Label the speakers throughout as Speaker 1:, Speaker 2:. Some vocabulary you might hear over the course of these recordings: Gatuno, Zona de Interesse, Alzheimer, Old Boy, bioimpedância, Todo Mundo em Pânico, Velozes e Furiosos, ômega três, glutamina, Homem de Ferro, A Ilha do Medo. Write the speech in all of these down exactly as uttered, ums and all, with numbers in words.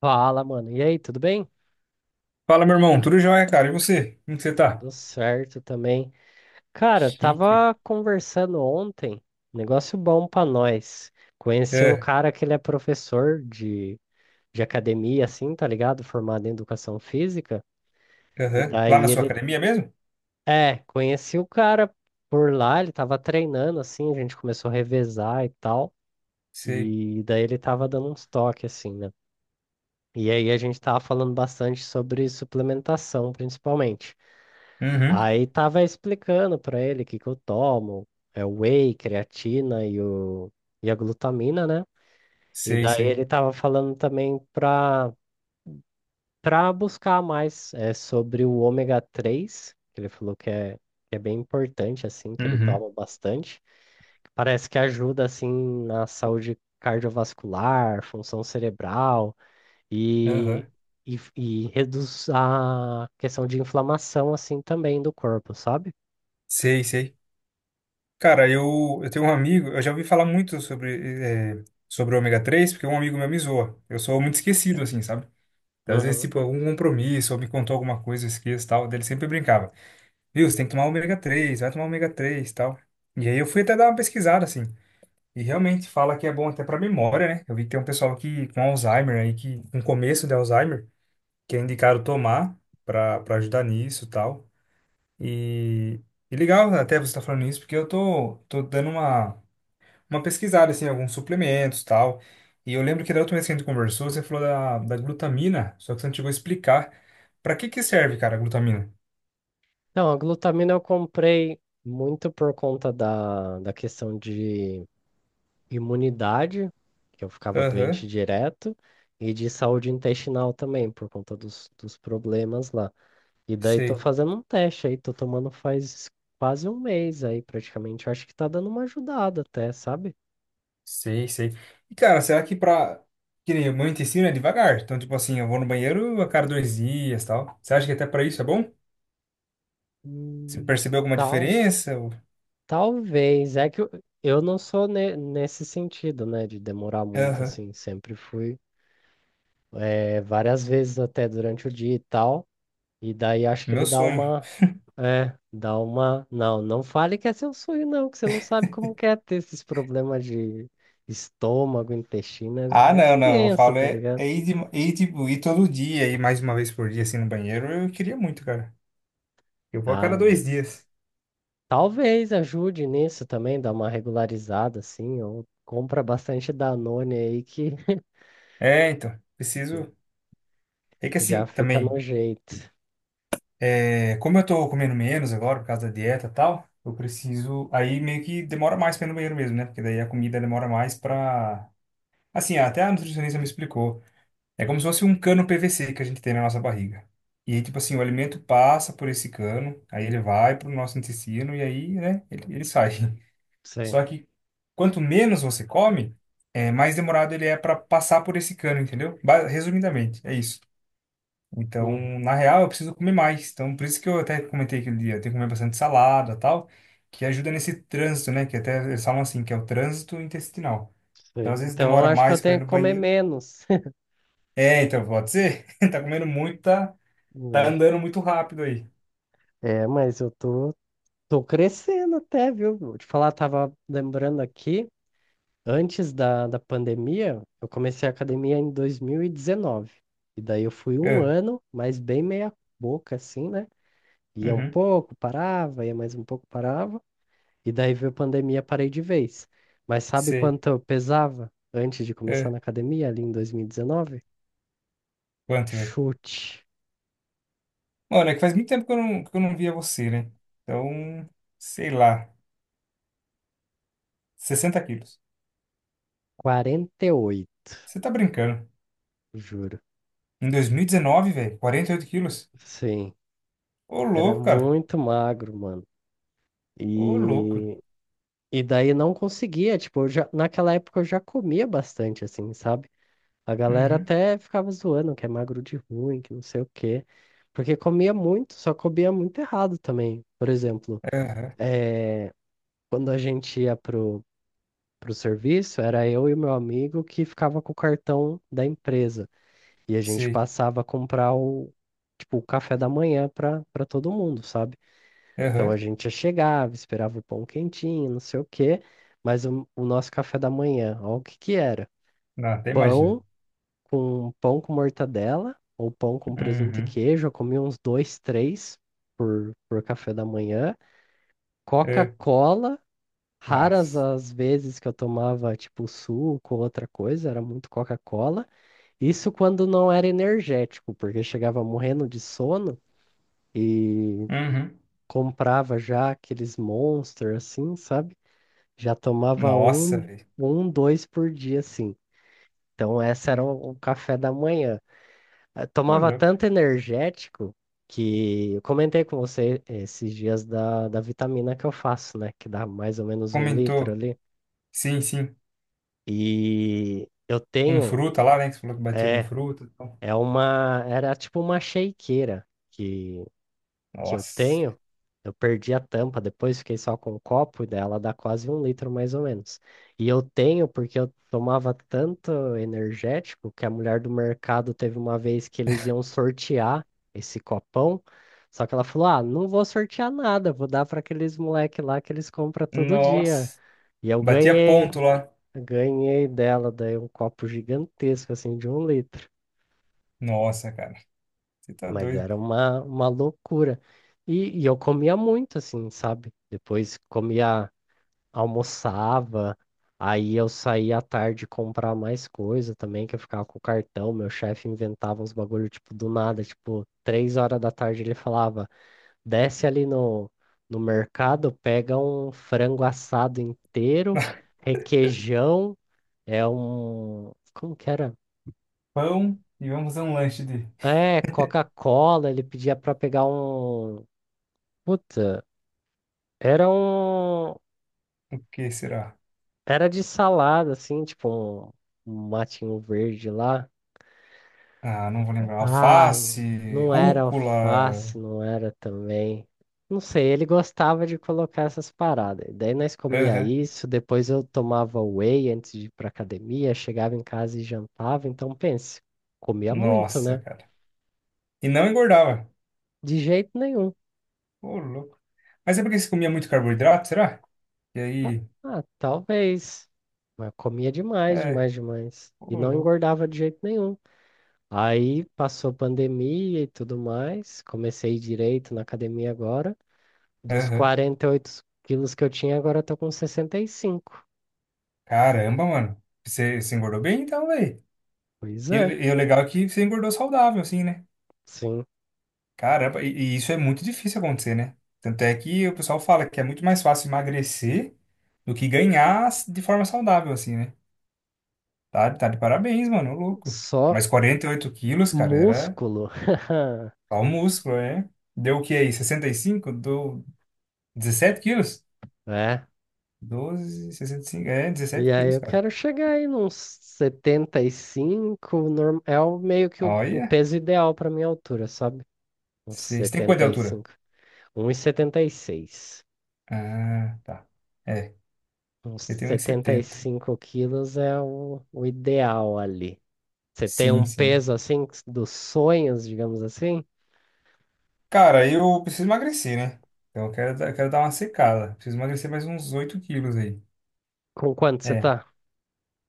Speaker 1: Fala, mano. E aí, tudo bem?
Speaker 2: Fala, meu irmão. Tudo jóia, cara? E você? Como que você tá?
Speaker 1: Tudo certo também. Cara,
Speaker 2: Chique.
Speaker 1: tava conversando ontem, negócio bom pra nós. Conheci um
Speaker 2: É,
Speaker 1: cara que ele é professor de, de academia, assim, tá ligado? Formado em educação física. E
Speaker 2: aham. Lá
Speaker 1: daí
Speaker 2: na sua
Speaker 1: ele.
Speaker 2: academia mesmo?
Speaker 1: É, conheci o cara por lá, ele tava treinando, assim, a gente começou a revezar e tal.
Speaker 2: Sei.
Speaker 1: E daí ele tava dando uns toques, assim, né? E aí a gente tava falando bastante sobre suplementação, principalmente.
Speaker 2: Uhum.
Speaker 1: Aí tava explicando pra ele o que que eu tomo, é o whey, creatina e, o, e a glutamina, né? E
Speaker 2: Sei,
Speaker 1: daí
Speaker 2: sei.
Speaker 1: ele tava falando também pra, pra buscar mais é, sobre o ômega três, que ele falou que é, que é bem importante, assim, que ele
Speaker 2: Uhum.
Speaker 1: toma bastante. Parece que ajuda, assim, na saúde cardiovascular, função cerebral e,
Speaker 2: Aham.
Speaker 1: e, e reduz a questão de inflamação, assim, também do corpo, sabe?
Speaker 2: Sei, sei. Cara, eu, eu tenho um amigo, eu já ouvi falar muito sobre, é, sobre o ômega três porque um amigo meu me zoa. Eu sou muito esquecido, assim, sabe? Então, às vezes,
Speaker 1: Uhum.
Speaker 2: tipo, algum compromisso, ou me contou alguma coisa, eu esqueço, e tal. Daí ele sempre brincava. Viu, você tem que tomar ômega três, vai tomar ômega três, tal. E aí eu fui até dar uma pesquisada, assim. E realmente fala que é bom até para memória, né? Eu vi que tem um pessoal que com Alzheimer aí, que com começo de Alzheimer, que é indicado tomar para para ajudar nisso e tal. E, e legal até você estar falando isso, porque eu tô, tô dando uma, uma pesquisada assim, em alguns suplementos e tal. E eu lembro que da última vez que a gente conversou, você falou da, da glutamina, só que você não chegou a explicar para que que serve, cara, a glutamina.
Speaker 1: Não, a glutamina eu comprei muito por conta da, da questão de imunidade, que eu ficava doente
Speaker 2: Aham,
Speaker 1: direto, e de saúde intestinal também, por conta dos, dos problemas lá. E daí tô
Speaker 2: sei.
Speaker 1: fazendo um teste aí, tô tomando faz quase um mês aí praticamente. Eu acho que tá dando uma ajudada até, sabe?
Speaker 2: Sei, sei. E, cara, será que pra... Que nem o meu intestino é devagar. Então, tipo assim, eu vou no banheiro a cada dois dias, tal. Você acha que até pra isso é bom? Você
Speaker 1: Hum,
Speaker 2: percebeu alguma
Speaker 1: Tal,
Speaker 2: diferença? Ou-
Speaker 1: talvez. É que eu, eu não sou ne- nesse sentido, né, de demorar muito
Speaker 2: Aham.
Speaker 1: assim, sempre fui é, várias vezes até durante o dia e tal. E daí acho que ele
Speaker 2: Meu
Speaker 1: dá
Speaker 2: sonho.
Speaker 1: uma. É, dá uma. Não, não fale que é seu sonho, não, que você não sabe como que é ter esses problemas de estômago, intestino.
Speaker 2: Ah,
Speaker 1: É é
Speaker 2: não, não. Eu
Speaker 1: tenso,
Speaker 2: falo
Speaker 1: tá
Speaker 2: é,
Speaker 1: ligado?
Speaker 2: é ir, de, ir, tipo, ir todo dia, ir mais uma vez por dia, assim, no banheiro. Eu queria muito, cara. Eu vou a
Speaker 1: Ah,
Speaker 2: cada dois
Speaker 1: mas.
Speaker 2: dias.
Speaker 1: Talvez ajude nisso também, dar uma regularizada assim, ou compra bastante Danone aí que
Speaker 2: É, então. Preciso... É que assim,
Speaker 1: já fica no
Speaker 2: também...
Speaker 1: jeito.
Speaker 2: É, como eu tô comendo menos agora por causa da dieta e tal, eu preciso. Aí meio que demora mais pra ir no banheiro mesmo, né? Porque daí a comida demora mais pra. Assim, até a nutricionista me explicou. É como se fosse um cano P V C que a gente tem na nossa barriga. E aí, tipo assim, o alimento passa por esse cano, aí ele vai pro nosso intestino e aí, né, ele, ele sai.
Speaker 1: Sei.
Speaker 2: Só que quanto menos você come, é, mais demorado ele é pra passar por esse cano, entendeu? Ba- Resumidamente, é isso. Então,
Speaker 1: Uhum,
Speaker 2: na real, eu preciso comer mais. Então, por isso que eu até comentei aquele dia, eu tenho que comer bastante salada, tal, que ajuda nesse trânsito, né? Que até eles falam assim, que é o trânsito intestinal. Então,
Speaker 1: sei.
Speaker 2: às vezes
Speaker 1: Então eu
Speaker 2: demora
Speaker 1: acho que eu
Speaker 2: mais para ir
Speaker 1: tenho que
Speaker 2: no
Speaker 1: comer
Speaker 2: banheiro.
Speaker 1: menos.
Speaker 2: É, então pode ser. Tá comendo muito, tá? Tá
Speaker 1: Né?
Speaker 2: andando muito rápido aí.
Speaker 1: É, mas eu tô Tô crescendo até, viu? Vou te falar, tava lembrando aqui, antes da, da pandemia, eu comecei a academia em dois mil E dezenove. E daí eu fui um
Speaker 2: É,
Speaker 1: ano, mas bem meia boca, assim, né? Ia um
Speaker 2: uhum,
Speaker 1: pouco, parava, ia mais um pouco, parava. E daí veio a pandemia, parei de vez. Mas sabe
Speaker 2: sei.
Speaker 1: quanto eu pesava antes de começar
Speaker 2: É,
Speaker 1: na academia, ali em dois mil e dezenove?
Speaker 2: quanto, velho?
Speaker 1: Chute,
Speaker 2: Mano, é que faz muito tempo que eu não, que eu não via você, né? Então, sei lá, sessenta quilos.
Speaker 1: quarenta e oito.
Speaker 2: Você tá brincando.
Speaker 1: Juro.
Speaker 2: Em dois mil e dezenove, velho, quarenta e oito quilos.
Speaker 1: Sim,
Speaker 2: Ô,
Speaker 1: era
Speaker 2: louco, cara.
Speaker 1: muito magro, mano.
Speaker 2: Ô, louco.
Speaker 1: E E daí não conseguia, tipo, eu já, naquela época eu já comia bastante, assim, sabe? A galera
Speaker 2: Uhum.
Speaker 1: até ficava zoando que é magro de ruim, que não sei o quê. Porque comia muito, só comia muito errado também. Por exemplo,
Speaker 2: Aham.
Speaker 1: eh, quando a gente ia pro, pro serviço, era eu e meu amigo que ficava com o cartão da empresa. E a gente
Speaker 2: Sei.
Speaker 1: passava a comprar o, tipo, o café da manhã pra, pra todo mundo, sabe? Então a
Speaker 2: Aham.
Speaker 1: gente chegava, esperava o pão quentinho, não sei o quê, mas o, o nosso café da manhã, ó, o que que era?
Speaker 2: Não, até imagino.
Speaker 1: Pão com pão com mortadela, ou pão com presunto e
Speaker 2: Uhum.
Speaker 1: queijo, eu comia uns dois, três por, por café da manhã.
Speaker 2: É.
Speaker 1: Coca-Cola, raras
Speaker 2: Nossa.
Speaker 1: as vezes que eu tomava tipo suco ou outra coisa, era muito Coca-Cola. Isso quando não era energético, porque chegava morrendo de sono e
Speaker 2: Uhum.
Speaker 1: comprava já aqueles Monster, assim, sabe? Já tomava
Speaker 2: Nossa,
Speaker 1: um,
Speaker 2: velho.
Speaker 1: um, dois por dia, assim. Então, essa era o, o café da manhã. Eh,
Speaker 2: Ô,
Speaker 1: Tomava
Speaker 2: louco.
Speaker 1: tanto energético que eu comentei com você esses dias da, da vitamina que eu faço, né? Que dá mais ou menos um litro
Speaker 2: Comentou.
Speaker 1: ali.
Speaker 2: Sim, sim.
Speaker 1: E eu
Speaker 2: Com
Speaker 1: tenho,
Speaker 2: fruta lá, né? Que você falou que batia com
Speaker 1: é,
Speaker 2: fruta e tal.
Speaker 1: é uma, era tipo uma shakeira que que eu
Speaker 2: Nossa.
Speaker 1: tenho. Eu perdi a tampa, depois fiquei só com o copo, e daí ela dá quase um litro mais ou menos. E eu tenho porque eu tomava tanto energético que a mulher do mercado teve uma vez que eles iam sortear esse copão, só que ela falou: "Ah, não vou sortear nada, vou dar para aqueles moleque lá, que eles compram todo dia".
Speaker 2: Nossa.
Speaker 1: E eu
Speaker 2: Batia
Speaker 1: ganhei,
Speaker 2: ponto lá.
Speaker 1: ganhei dela, daí, um copo gigantesco, assim, de um litro.
Speaker 2: Nossa, cara. Você tá
Speaker 1: Mas
Speaker 2: doido.
Speaker 1: era uma, uma loucura. E, e eu comia muito, assim, sabe? Depois comia, almoçava, aí eu saía à tarde comprar mais coisa também, que eu ficava com o cartão. Meu chefe inventava uns bagulho, tipo, do nada. Tipo, três horas da tarde ele falava: desce ali no, no mercado, pega um frango assado inteiro, requeijão, é um. Como que era?
Speaker 2: Pão e vamos fazer um lanche de...
Speaker 1: É, Coca-Cola, ele pedia pra pegar um. Puta. Era um.
Speaker 2: O que será?
Speaker 1: Era de salada, assim, tipo um, um matinho verde lá.
Speaker 2: Ah, não vou lembrar.
Speaker 1: Ah,
Speaker 2: Alface,
Speaker 1: não era alface,
Speaker 2: rúcula.
Speaker 1: não era também. Não sei, ele gostava de colocar essas paradas. Daí nós comia
Speaker 2: Aham.
Speaker 1: isso, depois eu tomava whey antes de ir pra academia, chegava em casa e jantava. Então pense, comia muito,
Speaker 2: Nossa,
Speaker 1: né?
Speaker 2: cara. E não engordava.
Speaker 1: De jeito nenhum.
Speaker 2: Ô, louco. Mas é porque você comia muito carboidrato, será? E
Speaker 1: Ah,
Speaker 2: aí.
Speaker 1: ah, talvez. Mas comia demais,
Speaker 2: É.
Speaker 1: demais, demais. E
Speaker 2: Ô,
Speaker 1: não
Speaker 2: louco.
Speaker 1: engordava de jeito nenhum. Aí passou pandemia e tudo mais, comecei direito na academia agora. Dos
Speaker 2: Aham.
Speaker 1: quarenta e oito quilos que eu tinha, agora eu tô com sessenta e cinco.
Speaker 2: Caramba, mano. Você, você engordou bem então, velho.
Speaker 1: Pois
Speaker 2: E, o
Speaker 1: é,
Speaker 2: e o legal é que você engordou saudável, assim, né?
Speaker 1: sim,
Speaker 2: Caramba, e, e isso é muito difícil acontecer, né? Tanto é que o pessoal fala que é muito mais fácil emagrecer do que ganhar de forma saudável, assim, né? Tá, tá de parabéns, mano, ô louco.
Speaker 1: só
Speaker 2: Mas quarenta e oito quilos, cara, era
Speaker 1: músculo.
Speaker 2: só o músculo, é? Deu o que aí? Sessenta e cinco? Deu dezessete quilos?
Speaker 1: É.
Speaker 2: Doze sessenta e cinco? É,
Speaker 1: E
Speaker 2: dezessete
Speaker 1: aí
Speaker 2: quilos,
Speaker 1: eu
Speaker 2: cara.
Speaker 1: quero chegar aí nos setenta e cinco, norm- é o meio que o, o
Speaker 2: Olha,
Speaker 1: peso ideal para minha altura, sabe? Uns
Speaker 2: vocês têm quanto de
Speaker 1: setenta, setenta e e
Speaker 2: altura?
Speaker 1: cinco. Um e setenta e seis.
Speaker 2: Ah, tá. É,
Speaker 1: Uns
Speaker 2: eu tenho uns
Speaker 1: setenta e
Speaker 2: setenta.
Speaker 1: cinco quilos é o, o ideal ali. Você tem
Speaker 2: Sim,
Speaker 1: um
Speaker 2: sim.
Speaker 1: peso assim dos sonhos, digamos assim?
Speaker 2: Cara, eu preciso emagrecer, né? Então eu quero, dar- eu quero dar uma secada. Preciso emagrecer mais uns oito quilos aí.
Speaker 1: Com quanto você
Speaker 2: É.
Speaker 1: tá?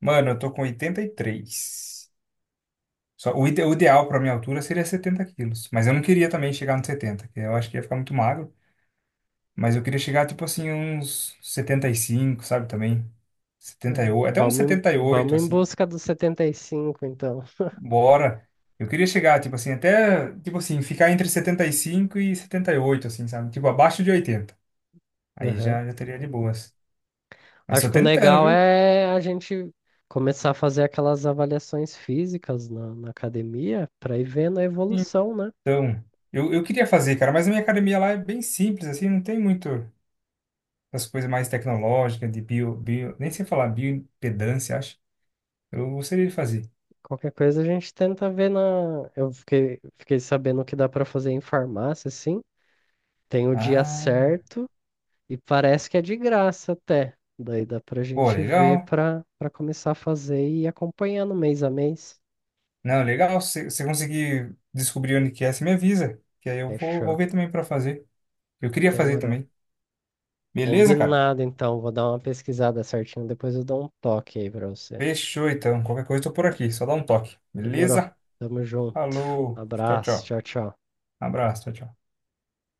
Speaker 2: Mano, eu tô com oitenta e três. Só, o, ide- o ideal pra minha altura seria setenta quilos. Mas eu não queria também chegar nos setenta, que eu acho que ia ficar muito magro. Mas eu queria chegar, tipo assim, uns setenta e cinco, sabe? Também. setenta e
Speaker 1: É,
Speaker 2: oito, até uns
Speaker 1: Vamos em,
Speaker 2: setenta e oito,
Speaker 1: vamos em
Speaker 2: assim.
Speaker 1: busca dos setenta e cinco, então.
Speaker 2: Bora. Eu queria chegar, tipo assim, até, tipo assim, ficar entre setenta e cinco e e setenta e oito assim, sabe? Tipo, abaixo de oitenta. Aí
Speaker 1: Aham.
Speaker 2: já, já teria de boas. Mas
Speaker 1: Acho
Speaker 2: tô
Speaker 1: que o
Speaker 2: tentando,
Speaker 1: legal
Speaker 2: viu?
Speaker 1: é a gente começar a fazer aquelas avaliações físicas na, na academia, para ir vendo a evolução, né?
Speaker 2: Então, eu, eu queria fazer, cara, mas a minha academia lá é bem simples, assim, não tem muito as coisas mais tecnológicas, de bio, bio, nem sei falar, bioimpedância, acho. Eu gostaria de fazer.
Speaker 1: Qualquer coisa a gente tenta ver na. Eu fiquei, fiquei sabendo que dá para fazer em farmácia, sim. Tem o dia
Speaker 2: Ah,
Speaker 1: certo e parece que é de graça até. Daí dá pra
Speaker 2: pô,
Speaker 1: gente ver
Speaker 2: legal.
Speaker 1: pra, pra começar a fazer e ir acompanhando mês a mês.
Speaker 2: Não, legal, se você conseguir descobrir onde que é, você me avisa, que aí eu vou,
Speaker 1: Fechou.
Speaker 2: vou ver também pra fazer. Eu queria fazer
Speaker 1: Demorou.
Speaker 2: também. Beleza, cara?
Speaker 1: Combinado, então. Vou dar uma pesquisada certinho. Depois eu dou um toque aí pra você.
Speaker 2: Fechou então. Qualquer coisa, eu tô por aqui. Só dá um toque.
Speaker 1: Demorou.
Speaker 2: Beleza?
Speaker 1: Tamo junto.
Speaker 2: Falou. Tchau,
Speaker 1: Abraço.
Speaker 2: tchau.
Speaker 1: Tchau, tchau.
Speaker 2: Abraço. Tchau, tchau.